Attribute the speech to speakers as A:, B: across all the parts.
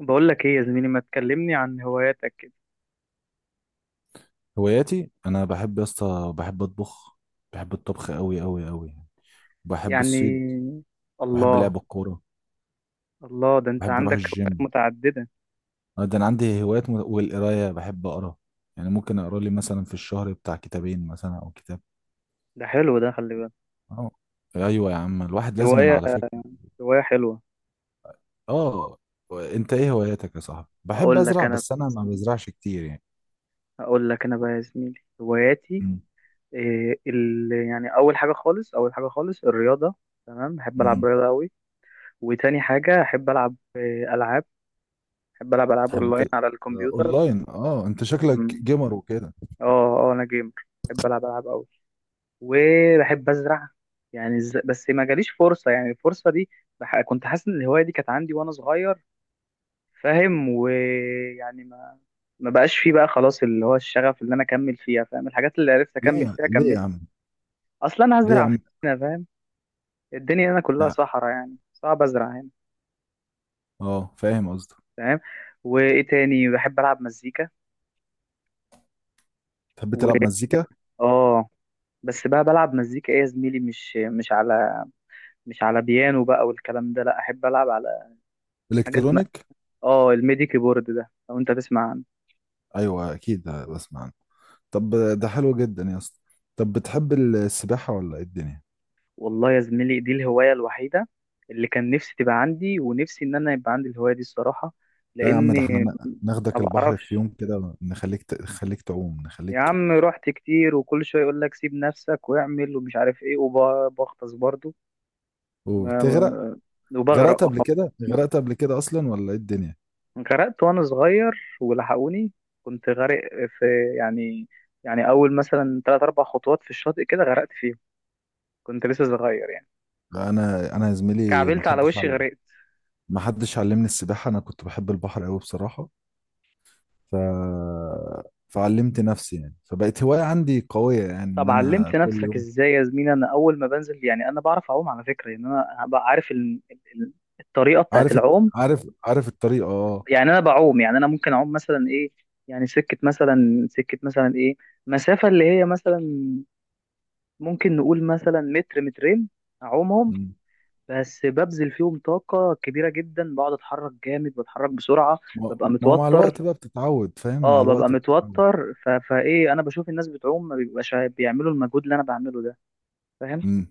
A: بقول لك ايه يا زميلي، ما تكلمني عن هواياتك كده.
B: هواياتي انا بحب يا اسطى، بحب اطبخ. بحب الطبخ قوي قوي قوي. بحب الصيد.
A: يعني.
B: بحب
A: الله.
B: لعب الكوره.
A: الله، ده انت
B: بحب اروح
A: عندك هوايات
B: الجيم.
A: متعددة.
B: أنا ده انا عندي هوايات والقرايه بحب اقرا. يعني ممكن اقرا لي مثلا في الشهر بتاع كتابين مثلا او كتاب.
A: ده حلو، ده خلي بالك.
B: اه، ايوه يا عم، الواحد لازم
A: هواية
B: على فكره.
A: هواية حلوة.
B: اه. انت ايه هواياتك يا صاحبي؟ بحب
A: هقول لك
B: ازرع
A: انا بقى
B: بس انا ما
A: يا زميلي،
B: بزرعش كتير يعني.
A: هواياتي.
B: امم.
A: يعني اول حاجة خالص الرياضة. تمام، بحب العب
B: امم.
A: رياضة قوي. وتاني حاجة احب العب العاب. بحب العب العاب
B: تحب
A: اونلاين
B: تلعب.
A: على الكمبيوتر.
B: اونلاين، اه انت شكلك
A: مم.
B: جيمر وكده.
A: اه. اه انا جيمر. بحب العب العاب قوي. وبحب ازرع. يعني بس ما جاليش فرصه. يعني الفرصه دي، كنت حاسس ان الهوايه دي كانت عندي وانا صغير. فاهم؟ ويعني ما بقاش فيه بقى خلاص اللي هو الشغف اللي انا اكمل فيها. فاهم؟ الحاجات اللي عرفت
B: ليه
A: اكمل
B: يا-
A: فيها
B: ليه يا
A: كملت.
B: عم
A: اصلا انا
B: ليه يا
A: هزرع
B: عم
A: هنا. فاهم؟ الدنيا هنا كلها
B: لا.
A: صحراء، يعني صعب ازرع هنا.
B: اه فاهم قصدك.
A: فاهم؟ وايه تاني؟ بحب العب مزيكا،
B: تحب
A: و
B: تلعب مزيكا.
A: اه بس بقى بلعب مزيكا ايه يا زميلي، مش على بيانو بقى والكلام ده. لا، احب العب على حاجات.
B: الكترونيك.
A: اه الميدي كيبورد ده لو انت تسمع عنه.
B: ايوه اكيد بسمع عنه. طب. ده حلو جدا يا اسطى. طب بتحب السباحه ولا ايه الدنيا؟
A: والله يا زميلي، دي الهواية الوحيدة اللي كان نفسي تبقى عندي، ونفسي ان انا يبقى عندي الهواية دي الصراحة،
B: لا يا عم، ده
A: لاني
B: احنا
A: ما
B: ناخدك البحر في
A: بعرفش.
B: يوم كده، نخليك نخليك تعوم،
A: يا
B: نخليك.
A: عم، رحت كتير وكل شوية يقول لك سيب نفسك واعمل ومش عارف ايه، وبغطس برضو. ما-
B: وبتغرق.
A: ما-
B: غرقت
A: وبغرق،
B: قبل
A: اه.
B: كده؟ غرقت قبل كده اصلا ولا ايه الدنيا؟
A: غرقت وانا صغير ولحقوني. كنت غارق في، يعني، يعني اول مثلا تلات اربع خطوات في الشاطئ كده غرقت فيهم. كنت لسه صغير يعني.
B: لا، انا انا يا زميلي ما
A: كعبلت على
B: حدش
A: وشي
B: علم.
A: غرقت.
B: ما حدش علمني السباحه. انا كنت بحب البحر قوي بصراحه. ف فعلمت نفسي يعني، فبقت هوايه عندي قويه يعني ان
A: طب علمت
B: انا كل
A: نفسك
B: يوم.
A: ازاي يا زميلي؟ انا اول ما بنزل يعني انا بعرف اعوم على فكره، يعني انا هبقى عارف ال- الطريقه بتاعت
B: عارف الت-
A: العوم.
B: عارف الطريقه اه.
A: يعني انا بعوم، يعني انا ممكن اعوم مثلا ايه، يعني سكه مثلا ايه، مسافه اللي هي مثلا ممكن نقول مثلا متر مترين اعومهم.
B: مم.
A: بس ببذل فيهم طاقه كبيره جدا، بقعد اتحرك جامد، بتحرك بسرعه.
B: ما
A: ببقى
B: ما هو مع
A: متوتر.
B: الوقت بقى بتتعود فاهم،
A: اه،
B: مع
A: ببقى
B: الوقت بتتعود.
A: متوتر. فايه، انا بشوف الناس بتعوم ما بيبقاش بيعملوا المجهود اللي انا بعمله ده. فاهم؟
B: مم.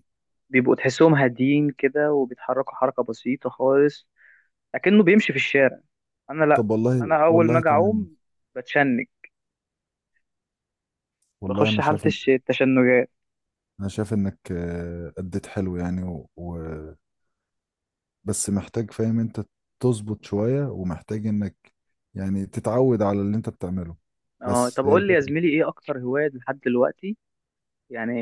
A: بيبقوا تحسهم هاديين كده وبيتحركوا حركة بسيطة خالص، لكنه بيمشي في الشارع. أنا لأ.
B: طب والله،
A: أنا أول ما
B: والله
A: أجي
B: تمام.
A: أعوم بتشنج.
B: والله
A: بخش
B: انا
A: حالة
B: شايف ان،
A: التشنجات.
B: انا شايف انك اديت حلو يعني بس محتاج، فاهم انت، تظبط شوية، ومحتاج انك يعني تتعود على اللي انت بتعمله.
A: اه، طب
B: بس هي
A: قول لي يا
B: الفكرة.
A: زميلي، إيه أكتر هواية لحد دلوقتي؟ يعني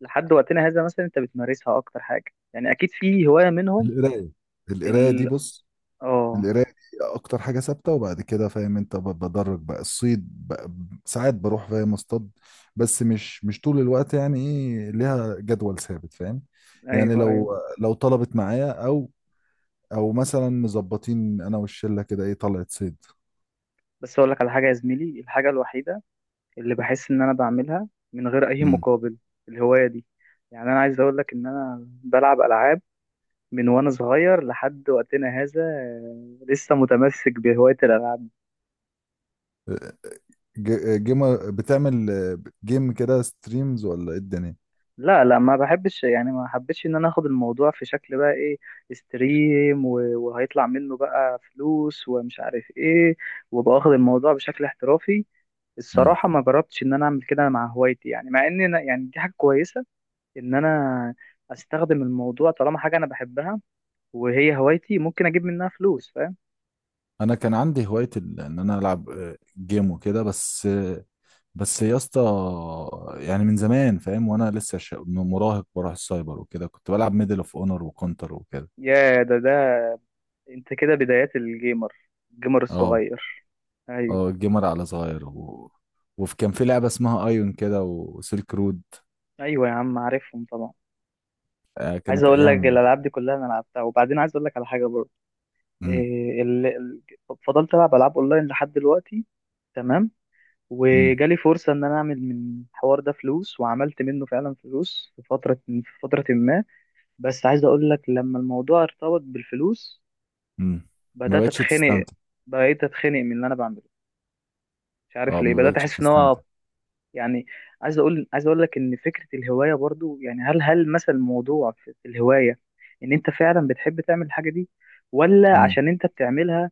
A: لحد وقتنا هذا مثلا أنت بتمارسها أكتر حاجة، يعني أكيد في هواية منهم.
B: القراية القراية دي
A: ال
B: بص.
A: اه
B: القرايه دي اكتر حاجه ثابته، وبعد كده فاهم انت بدرج بقى الصيد بقى. ساعات بروح فاهم اصطاد، بس مش مش طول الوقت يعني، ايه ليها جدول ثابت فاهم. يعني
A: أيوه،
B: لو
A: أيوه.
B: لو طلبت معايا او، او مثلا مظبطين انا والشله كده، ايه طلعت صيد.
A: بس أقول لك على حاجة يا زميلي، الحاجة الوحيدة اللي بحس إن أنا بعملها من غير أي
B: امم.
A: مقابل، الهواية دي. يعني أنا عايز أقول لك إن أنا بلعب ألعاب من وانا صغير لحد وقتنا هذا. لسه متمسك بهواية الالعاب.
B: جيم بتعمل جيم كده ستريمز ولا ايه الدنيا؟
A: لا، لا، ما بحبش. يعني ما حبيتش ان انا اخد الموضوع في شكل بقى ايه، استريم، وهيطلع منه بقى فلوس ومش عارف ايه، وباخد الموضوع بشكل احترافي.
B: امم.
A: الصراحة ما جربتش إن أنا أعمل كده مع هوايتي. يعني مع إن أنا، يعني دي حاجة كويسة، إن أنا أستخدم الموضوع طالما حاجة أنا بحبها وهي هوايتي ممكن أجيب منها فلوس. فاهم؟
B: انا كان عندي هوايه ان انا العب جيم وكده، بس بس يا اسطى، يعني من زمان فاهم، وانا لسه مراهق، بروح السايبر وكده، كنت بلعب ميدل اوف اونر وكونتر وكده.
A: يا ده، انت كده بدايات الجيمر
B: اه.
A: الصغير. ايوه.
B: اه الجيمر على صغير وفي كان في لعبة اسمها ايون كده وسيلك رود.
A: ايوه يا عم، عارفهم طبعا.
B: آه
A: عايز
B: كانت
A: اقول لك
B: ايام.
A: الالعاب دي كلها انا لعبتها، وبعدين عايز اقول لك على حاجه برضه.
B: امم.
A: إيه ال... ال- فضلت العب العاب اونلاين لحد دلوقتي. تمام.
B: امم.
A: وجالي فرصه ان انا اعمل من الحوار ده فلوس، وعملت منه فعلا فلوس في فتره ما. بس عايز اقول لك لما الموضوع ارتبط بالفلوس
B: امم. ما
A: بدات
B: بقتش
A: اتخنق.
B: تستمتع.
A: بقيت اتخنق من اللي انا بعمله. مش عارف
B: اه
A: ليه
B: ما
A: بدات
B: بقتش
A: احس ان هو
B: بتستمتع.
A: يعني. عايز اقول لك ان فكره الهوايه برضو، يعني هل مثلا الموضوع في الهوايه ان انت فعلا بتحب تعمل الحاجه دي، ولا
B: امم.
A: عشان انت بتعملها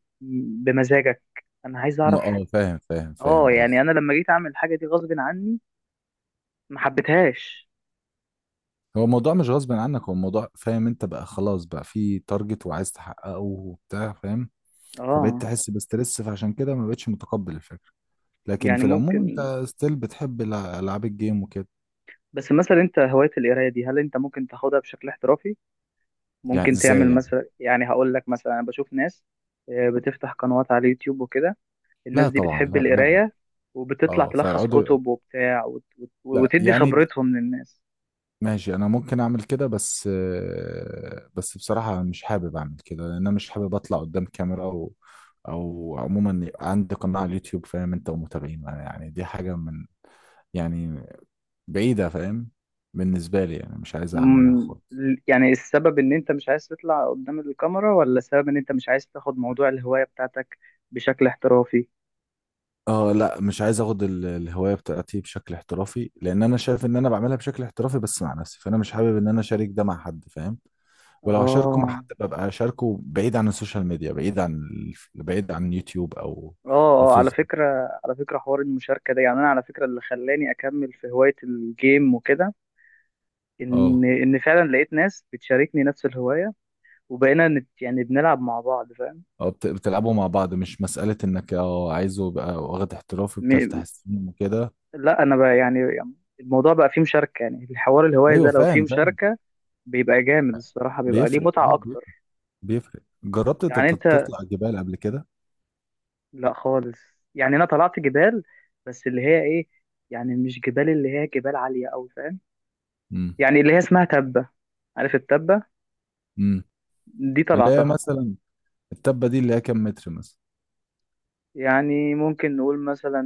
A: بمزاجك؟ انا عايز اعرف.
B: اه فاهم فاهم فاهم
A: اه، يعني
B: قصدي.
A: انا لما جيت اعمل الحاجه دي غصب عني ما حبيتهاش.
B: هو الموضوع مش غصب عنك، هو الموضوع فاهم انت بقى خلاص، بقى في تارجت وعايز تحققه وبتاع فاهم. فبقيت
A: اه،
B: تحس بستريس، فعشان كده ما بقتش متقبل الفكرة. لكن
A: يعني
B: في العموم
A: ممكن.
B: انت ستيل بتحب العاب الجيم وكده.
A: بس مثلا انت، هوايه القرايه دي، هل انت ممكن تاخدها بشكل احترافي؟
B: يعني
A: ممكن
B: ازاي
A: تعمل
B: يعني؟
A: مثلا، يعني هقول لك مثلا، انا بشوف ناس بتفتح قنوات على اليوتيوب وكده. الناس
B: لا
A: دي
B: طبعا،
A: بتحب
B: لا لا.
A: القراية وبتطلع
B: اه
A: تلخص
B: فيقعدوا.
A: كتب وبتاع،
B: لا،
A: وتدي
B: يعني
A: خبرتهم للناس.
B: ماشي، انا ممكن اعمل كده، بس بس بصراحة أنا مش حابب اعمل كده، لان انا مش حابب اطلع قدام كاميرا، او او عموما يبقى عندي قناة على اليوتيوب فاهم انت، ومتابعين، يعني دي حاجة من، يعني بعيدة فاهم، بالنسبة لي يعني مش عايز اعملها
A: مم،
B: خالص.
A: يعني السبب ان انت مش عايز تطلع قدام الكاميرا، ولا السبب ان انت مش عايز تاخد موضوع الهواية بتاعتك بشكل احترافي؟
B: اه، لا مش عايز اخد الهوايه بتاعتي بشكل احترافي، لان انا شايف ان انا بعملها بشكل احترافي بس مع نفسي، فانا مش حابب ان انا اشارك ده مع حد فاهم. ولو هشاركه مع
A: اه،
B: حد ببقى اشاركه بعيد عن السوشيال ميديا، بعيد عن بعيد عن يوتيوب، او
A: اه،
B: او
A: على
B: فيسبوك.
A: فكرة على فكرة حوار المشاركة ده، يعني انا على فكرة اللي خلاني اكمل في هواية الجيم وكده ان
B: اه.
A: ان فعلا لقيت ناس بتشاركني نفس الهواية، وبقينا يعني بنلعب مع بعض. فاهم؟
B: اه بتلعبوا مع بعض، مش مساله انك اه عايزه يبقى واخد احترافي بتفتح
A: م-
B: السينما وكده.
A: لا، انا بقى يعني الموضوع بقى فيه مشاركه، يعني الحوار الهوايه
B: ايوه
A: ده لو فيه
B: فاهم فاهم.
A: مشاركه بيبقى جامد الصراحه، بيبقى ليه
B: بيفرق
A: متعه
B: اه، بيفرق.
A: اكتر.
B: بيفرق. جربت
A: يعني انت؟
B: تطلع جبال قبل كده؟
A: لا خالص. يعني انا طلعت جبال، بس اللي هي ايه، يعني مش جبال اللي هي جبال عاليه قوي. فاهم؟
B: امم.
A: يعني اللي هي اسمها تبه. عارف التبه؟
B: امم.
A: دي
B: اللي هي
A: طلعتها.
B: مثلا، التبه دي اللي هي كام متر مثلا؟
A: يعني ممكن نقول مثلا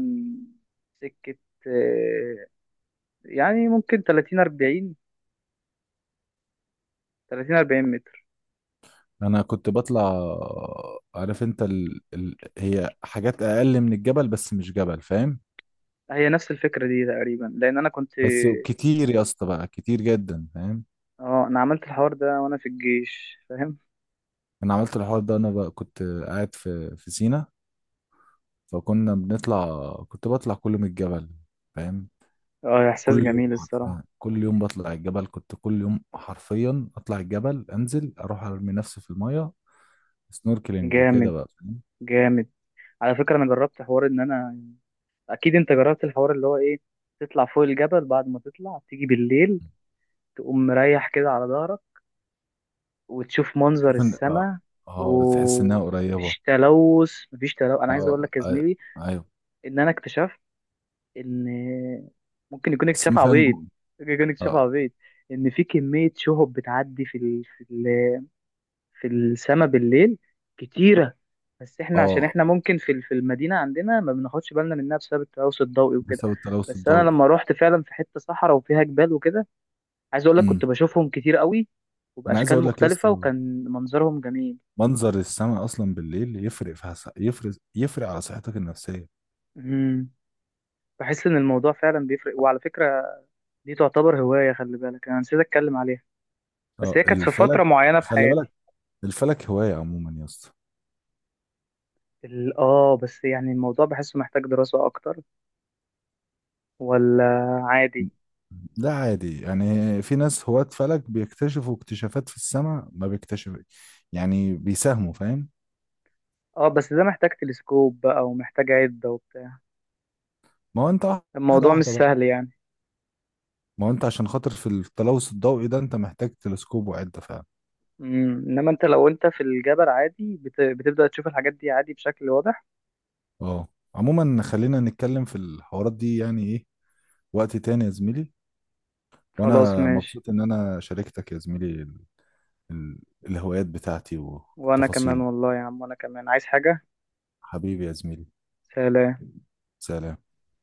A: سكه، آه، يعني ممكن 30 40 متر.
B: انا كنت بطلع. عارف انت هي حاجات اقل من الجبل، بس مش جبل فاهم،
A: هي نفس الفكره دي تقريبا لان انا كنت،
B: بس كتير يا اسطى بقى، كتير جدا فاهم.
A: اه، انا عملت الحوار ده وانا في الجيش. فاهم؟
B: انا عملت الحوار ده انا، بقى كنت قاعد في في سينا، فكنا بنطلع، كنت بطلع كل يوم الجبل فاهم.
A: اه، احساس
B: كل يوم
A: جميل الصراحه.
B: حرفيا، كل يوم بطلع الجبل، كنت كل يوم حرفيا اطلع الجبل، انزل اروح ارمي نفسي في الميه، سنوركلينج وكده
A: جامد،
B: بقى فاهم.
A: جامد. على فكره، انا جربت حوار ان انا، اكيد انت جربت الحوار اللي هو ايه، تطلع فوق الجبل، بعد ما تطلع تيجي بالليل تقوم مريح كده على ظهرك وتشوف منظر
B: تشوف ان اه،
A: السماء،
B: اه تحس انها قريبه.
A: ومفيش تلوث. مفيش تلوث. انا عايز اقول
B: اه
A: لك يا
B: آه،
A: زميلي
B: ايوه.
A: ان انا اكتشفت ان، ممكن يكون
B: بس
A: اكتشاف
B: ما فيها
A: عبيط،
B: نجوم.
A: ممكن يكون اكتشاف
B: اه.
A: عبيط، ان في كميه شهب بتعدي في السما بالليل، كتيرة. بس احنا عشان
B: اه
A: احنا ممكن في المدينة عندنا ما بناخدش بالنا منها بسبب التلوث الضوئي وكده.
B: بسبب التلوث
A: بس انا
B: الضوئي.
A: لما روحت فعلا في حتة صحراء وفيها جبال وكده، عايز اقول لك
B: امم.
A: كنت بشوفهم كتير قوي
B: انا عايز
A: وبأشكال
B: اقول لك يا اسطى،
A: مختلفة وكان منظرهم جميل.
B: منظر السماء اصلا بالليل يفرق في يفرق، يفرق على صحتك النفسيه.
A: امم بحس ان الموضوع فعلا بيفرق. وعلى فكرة، دي تعتبر هواية، خلي بالك انا نسيت اتكلم عليها، بس
B: اه
A: هي كانت في
B: الفلك.
A: فترة معينة في
B: خلي
A: حياتي.
B: بالك. الفلك هوايه عموما يا اسطى.
A: بس يعني الموضوع بحسه محتاج دراسة اكتر، ولا عادي؟
B: ده عادي يعني، في ناس هواة فلك بيكتشفوا اكتشافات في السماء ما بيكتشف، يعني بيساهموا فاهم.
A: اه، بس ده محتاج تلسكوب بقى ومحتاج عدة وبتاع.
B: ما هو انت واحده
A: الموضوع مش
B: واحده بقى.
A: سهل يعني.
B: ما هو انت عشان خاطر في التلوث الضوئي ده انت محتاج تلسكوب وعده فعلا.
A: انما لو انت في الجبل، عادي بتبدأ تشوف الحاجات دي عادي بشكل واضح.
B: اه. عموما خلينا نتكلم في الحوارات دي يعني ايه، وقت تاني يا زميلي.
A: خلاص،
B: وانا
A: ماشي.
B: مبسوط ان انا شاركتك يا زميلي ال- الهوايات بتاعتي
A: وانا كمان،
B: والتفاصيل.
A: والله يا عم، وانا كمان عايز حاجة.
B: حبيبي يا زميلي.
A: سلام.
B: سلام.